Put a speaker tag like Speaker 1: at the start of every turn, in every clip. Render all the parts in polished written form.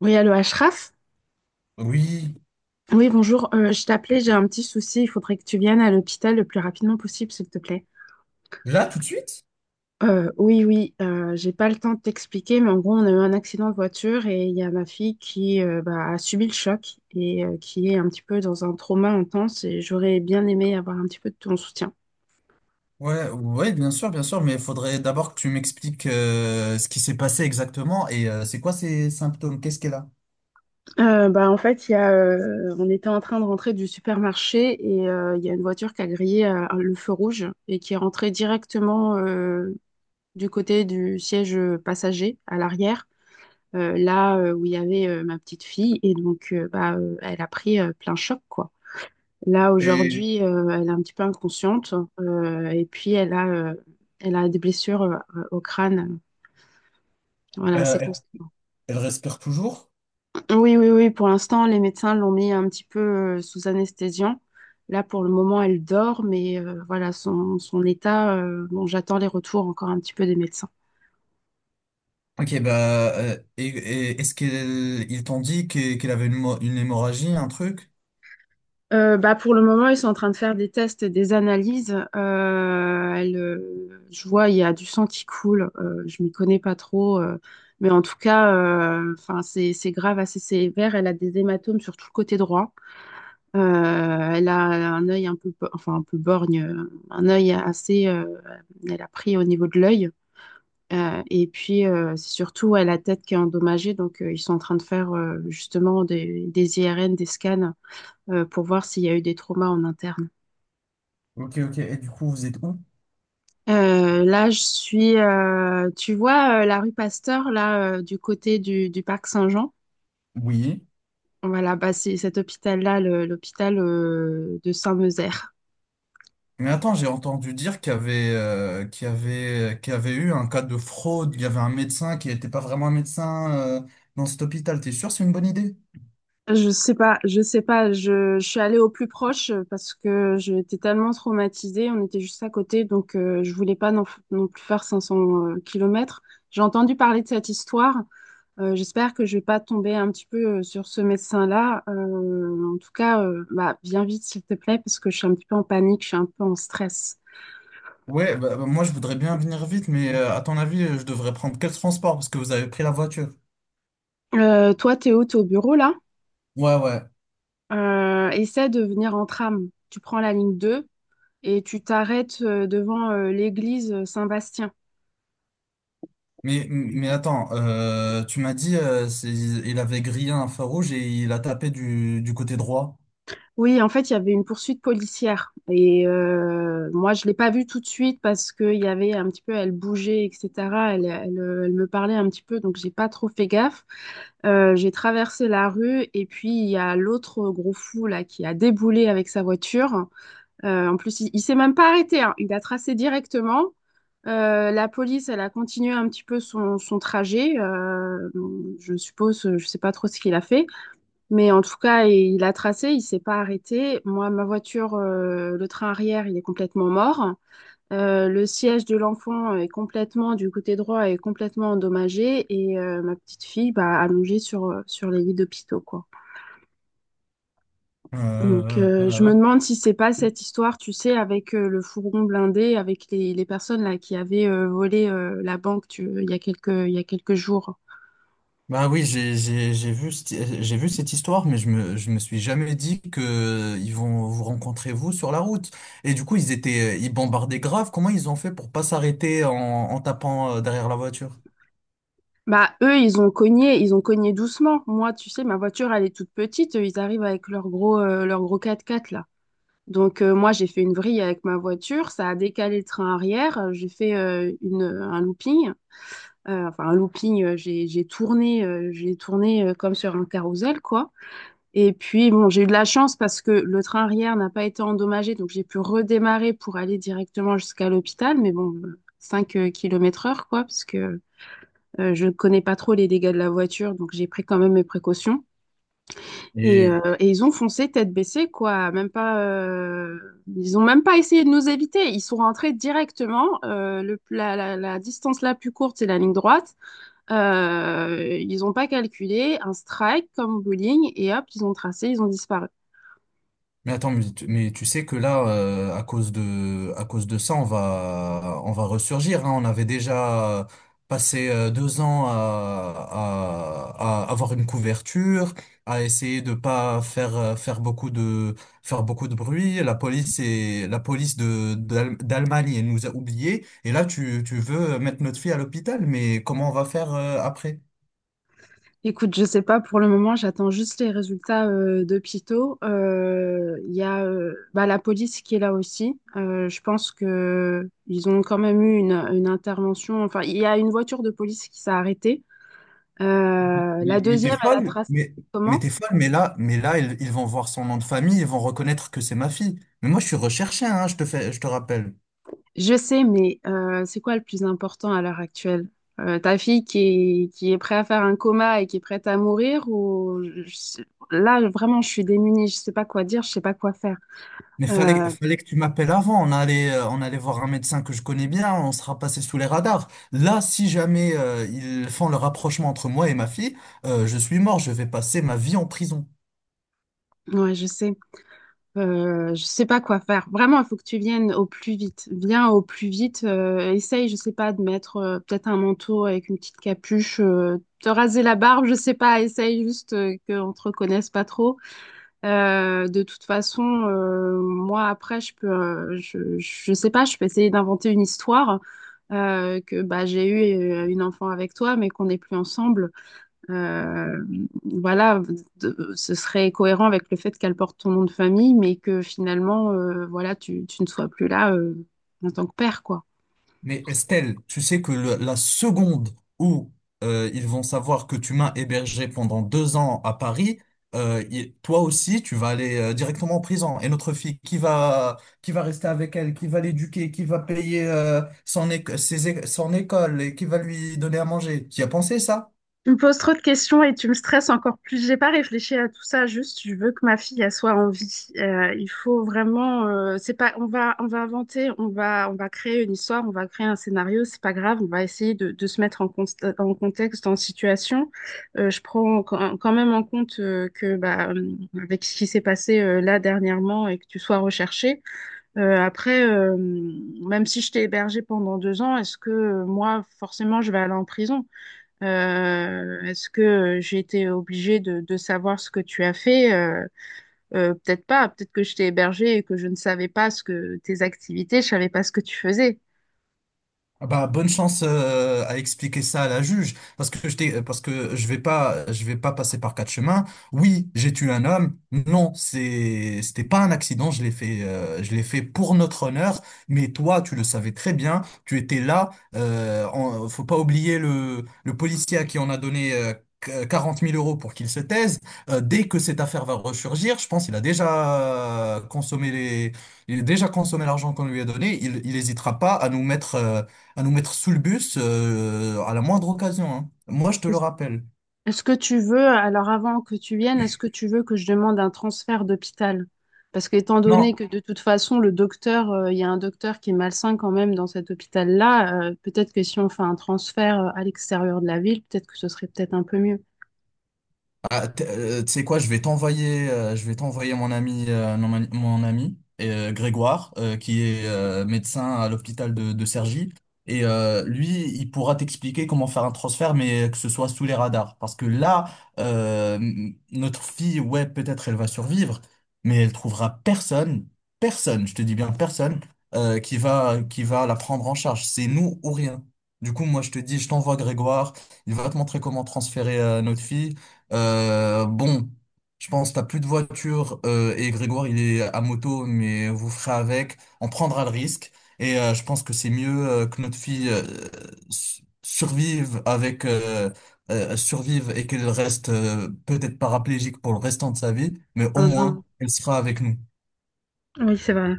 Speaker 1: Oui, allô, Ashraf?
Speaker 2: Oui.
Speaker 1: Oui, bonjour. Je t'appelais, j'ai un petit souci. Il faudrait que tu viennes à l'hôpital le plus rapidement possible, s'il te plaît.
Speaker 2: Là, tout de suite?
Speaker 1: Oui, oui, j'ai pas le temps de t'expliquer, mais en gros, on a eu un accident de voiture et il y a ma fille qui bah, a subi le choc et qui est un petit peu dans un trauma intense et j'aurais bien aimé avoir un petit peu de ton soutien.
Speaker 2: Ouais, ouais, bien sûr, mais il faudrait d'abord que tu m'expliques ce qui s'est passé exactement et c'est quoi ces symptômes, qu'est-ce qu'elle a?
Speaker 1: Bah, en fait, il y a, on était en train de rentrer du supermarché et il y a une voiture qui a grillé le feu rouge et qui est rentrée directement du côté du siège passager à l'arrière, là où il y avait ma petite fille. Et donc, bah, elle a pris plein choc, quoi. Là,
Speaker 2: Et
Speaker 1: aujourd'hui, elle est un petit peu inconsciente. Et puis, elle a, elle a des blessures au crâne. Voilà,
Speaker 2: euh,
Speaker 1: c'est
Speaker 2: elle
Speaker 1: constant.
Speaker 2: elle respire toujours?
Speaker 1: Oui, oui, oui. Pour l'instant, les médecins l'ont mis un petit peu sous anesthésiant. Là, pour le moment, elle dort, mais voilà, son état, bon, j'attends les retours encore un petit peu des médecins.
Speaker 2: Ok, bah, et est-ce qu'ils ils t'ont dit qu'elle avait une hémorragie, un truc?
Speaker 1: Bah pour le moment, ils sont en train de faire des tests et des analyses. Elle, je vois, il y a du sang qui coule. Je m'y connais pas trop, mais en tout cas, enfin, c'est grave, assez sévère. Elle a des hématomes sur tout le côté droit. Elle a un œil un peu, enfin un peu borgne, un œil assez. Elle a pris au niveau de l'œil. Et puis, c'est surtout, elle a la tête qui est endommagée. Donc, ils sont en train de faire justement des IRN, des scans pour voir s'il y a eu des traumas en interne.
Speaker 2: Ok, ok. Et du coup, vous êtes où?
Speaker 1: Là, je suis, tu vois, la rue Pasteur, là, du côté du parc Saint-Jean.
Speaker 2: Oui.
Speaker 1: Voilà, bah, c'est cet hôpital-là, l'hôpital de Saint-Meuzert.
Speaker 2: Mais attends, j'ai entendu dire qu'il y avait eu un cas de fraude, il y avait un médecin qui n'était pas vraiment un médecin dans cet hôpital. T'es sûr que c'est une bonne idée?
Speaker 1: Je sais pas, je sais pas, je suis allée au plus proche parce que j'étais tellement traumatisée, on était juste à côté, donc je voulais pas non, non plus faire 500 kilomètres. J'ai entendu parler de cette histoire. J'espère que je vais pas tomber un petit peu sur ce médecin-là. En tout cas, bah, viens vite, s'il te plaît, parce que je suis un petit peu en panique, je suis un peu en stress.
Speaker 2: Ouais, bah, bah, moi je voudrais bien venir vite, mais à ton avis, je devrais prendre quel transport parce que vous avez pris la voiture?
Speaker 1: Toi, Théo, t'es au bureau là.
Speaker 2: Ouais, ouais.
Speaker 1: Essaie de venir en tram. Tu prends la ligne 2 et tu t'arrêtes devant l'église Saint-Bastien.
Speaker 2: Mais attends, tu m'as dit il avait grillé un feu rouge et il a tapé du côté droit.
Speaker 1: Oui, en fait, il y avait une poursuite policière. Et moi, je l'ai pas vue tout de suite parce qu'il y avait un petit peu, elle bougeait, etc. Elle me parlait un petit peu, donc j'ai pas trop fait gaffe. J'ai traversé la rue et puis il y a l'autre gros fou là qui a déboulé avec sa voiture. En plus, il s'est même pas arrêté, hein. Il a tracé directement. La police, elle a continué un petit peu son trajet. Je suppose, je sais pas trop ce qu'il a fait. Mais en tout cas, il a tracé, il s'est pas arrêté. Moi, ma voiture, le train arrière, il est complètement mort. Le siège de l'enfant est complètement, du côté droit, est complètement endommagé. Et ma petite fille, bah, allongée sur, sur les lits d'hôpitaux, quoi. Donc,
Speaker 2: Euh,
Speaker 1: je
Speaker 2: euh,
Speaker 1: me demande si c'est pas cette histoire, tu sais, avec le fourgon blindé, avec les personnes là qui avaient volé la banque il y a quelques jours.
Speaker 2: bah oui, j'ai vu cette histoire, mais je me suis jamais dit que ils vont vous rencontrer vous sur la route. Et du coup, ils bombardaient grave. Comment ils ont fait pour pas s'arrêter en tapant derrière la voiture?
Speaker 1: Bah, eux, ils ont cogné doucement. Moi, tu sais, ma voiture, elle est toute petite. Eux, ils arrivent avec leur gros 4x4, là. Donc, moi, j'ai fait une vrille avec ma voiture. Ça a décalé le train arrière. J'ai fait un looping. Enfin, un looping, j'ai tourné comme sur un carrousel, quoi. Et puis, bon, j'ai eu de la chance parce que le train arrière n'a pas été endommagé. Donc, j'ai pu redémarrer pour aller directement jusqu'à l'hôpital. Mais bon, 5 km/h, quoi, parce que... je ne connais pas trop les dégâts de la voiture, donc j'ai pris quand même mes précautions. Et ils ont foncé tête baissée, quoi. Même pas, ils ont même pas essayé de nous éviter. Ils sont rentrés directement. La distance la plus courte, c'est la ligne droite. Ils n'ont pas calculé un strike comme bowling et hop, ils ont tracé, ils ont disparu.
Speaker 2: Mais attends, mais tu sais que là, à cause de ça, on va ressurgir, hein. On avait déjà passé deux ans à avoir une couverture, à essayer de pas faire beaucoup de bruit. La police et la police d'Allemagne, elle nous a oubliés. Et là, tu veux mettre notre fille à l'hôpital, mais comment on va faire, après?
Speaker 1: Écoute, je sais pas pour le moment, j'attends juste les résultats de Pito. Il y a bah, la police qui est là aussi. Je pense que ils ont quand même eu une intervention. Enfin, il y a une voiture de police qui s'est arrêtée. La
Speaker 2: Mais t'es
Speaker 1: deuxième, elle a
Speaker 2: folle,
Speaker 1: tracé
Speaker 2: mais
Speaker 1: comment?
Speaker 2: t'es folle, mais là, ils vont voir son nom de famille, ils vont reconnaître que c'est ma fille. Mais moi, je suis recherché, hein, je te rappelle.
Speaker 1: Je sais, mais c'est quoi le plus important à l'heure actuelle? Ta fille qui est prête à faire un coma et qui est prête à mourir ou là vraiment je suis démunie, je sais pas quoi dire, je sais pas quoi faire.
Speaker 2: Mais fallait,
Speaker 1: Euh,
Speaker 2: fallait que tu m'appelles avant. On allait voir un médecin que je connais bien, on sera passé sous les radars. Là, si jamais, ils font le rapprochement entre moi et ma fille, je suis mort, je vais passer ma vie en prison.
Speaker 1: ouais, je sais. Je sais pas quoi faire. Vraiment, il faut que tu viennes au plus vite. Viens au plus vite. Essaye, je sais pas, de mettre peut-être un manteau avec une petite capuche, te raser la barbe, je sais pas. Essaye juste qu'on te reconnaisse pas trop. De toute façon, moi après, je peux, je sais pas, je peux essayer d'inventer une histoire que bah j'ai eu une enfant avec toi, mais qu'on n'est plus ensemble. Euh, voilà, ce serait cohérent avec le fait qu'elle porte ton nom de famille, mais que finalement, voilà, tu ne sois plus là, en tant que père, quoi.
Speaker 2: Mais Estelle, tu sais que la seconde où ils vont savoir que tu m'as hébergé pendant deux ans à Paris, toi aussi, tu vas aller directement en prison. Et notre fille, qui va rester avec elle, qui va l'éduquer, qui va payer son école et qui va lui donner à manger. Tu y as pensé ça?
Speaker 1: Tu me poses trop de questions et tu me stresses encore plus. J'ai pas réfléchi à tout ça, juste je veux que ma fille elle soit en vie. Il faut vraiment c'est pas on va inventer, on va créer une histoire, on va créer un scénario, c'est pas grave, on va essayer de se mettre en, en contexte, en situation. Je prends quand même en compte que bah avec ce qui s'est passé là dernièrement et que tu sois recherché. Après même si je t'ai hébergé pendant 2 ans, est-ce que moi forcément je vais aller en prison? Est-ce que j'ai été obligée de savoir ce que tu as fait? Peut-être pas. Peut-être que je t'ai hébergée et que je ne savais pas ce que tes activités, je savais pas ce que tu faisais.
Speaker 2: Ah bah, bonne chance à expliquer ça à la juge parce que parce que je vais pas passer par quatre chemins. Oui, j'ai tué un homme. Non, c'était pas un accident, je l'ai fait pour notre honneur, mais toi tu le savais très bien, tu étais là faut pas oublier le policier à qui on a donné 40 000 euros pour qu'il se taise. Dès que cette affaire va ressurgir, je pense qu'il a déjà consommé les il a déjà consommé l'argent qu'on lui a donné, il hésitera pas à nous mettre sous le bus à la moindre occasion. Hein. Moi, je te le rappelle.
Speaker 1: Est-ce que tu veux, alors avant que tu viennes, est-ce que tu veux que je demande un transfert d'hôpital? Parce qu'étant donné
Speaker 2: Non,
Speaker 1: que de toute façon, le docteur, il y a un docteur qui est malsain quand même dans cet hôpital-là, peut-être que si on fait un transfert à l'extérieur de la ville, peut-être que ce serait peut-être un peu mieux.
Speaker 2: ah, tu sais quoi, je vais t'envoyer, mon ami, non, mon ami Grégoire, qui est médecin à l'hôpital de Cergy, et lui, il pourra t'expliquer comment faire un transfert, mais que ce soit sous les radars, parce que là, notre fille, ouais, peut-être elle va survivre, mais elle trouvera personne, personne, je te dis bien personne, qui va la prendre en charge. C'est nous ou rien. Du coup, moi, je te dis, je t'envoie Grégoire. Il va te montrer comment transférer notre fille. Bon, je pense que t'as plus de voiture et Grégoire il est à moto, mais vous ferez avec. On prendra le risque et je pense que c'est mieux que notre fille s- survive avec euh, survive et qu'elle reste peut-être paraplégique pour le restant de sa vie, mais au
Speaker 1: Ah non,
Speaker 2: moins elle sera avec nous.
Speaker 1: oui, c'est vrai.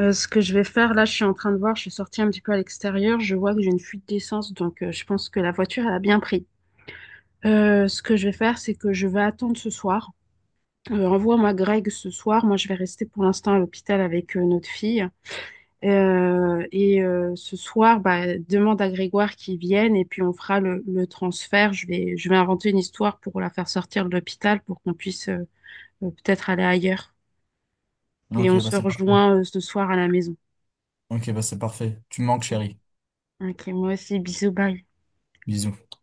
Speaker 1: Ce que je vais faire, là, je suis en train de voir, je suis sortie un petit peu à l'extérieur, je vois que j'ai une fuite d'essence, donc je pense que la voiture, elle a bien pris. Ce que je vais faire, c'est que je vais attendre ce soir. Envoie-moi Greg ce soir. Moi, je vais rester pour l'instant à l'hôpital avec notre fille. Et ce soir, bah, demande à Grégoire qu'il vienne et puis on fera le transfert. Je vais inventer une histoire pour la faire sortir de l'hôpital pour qu'on puisse peut-être aller ailleurs. Et
Speaker 2: Ok,
Speaker 1: on
Speaker 2: bah
Speaker 1: se
Speaker 2: c'est parfait.
Speaker 1: rejoint ce soir à la maison.
Speaker 2: Ok, bah c'est parfait. Tu me manques, chérie.
Speaker 1: Ok, moi aussi, bisous, bye.
Speaker 2: Bisous.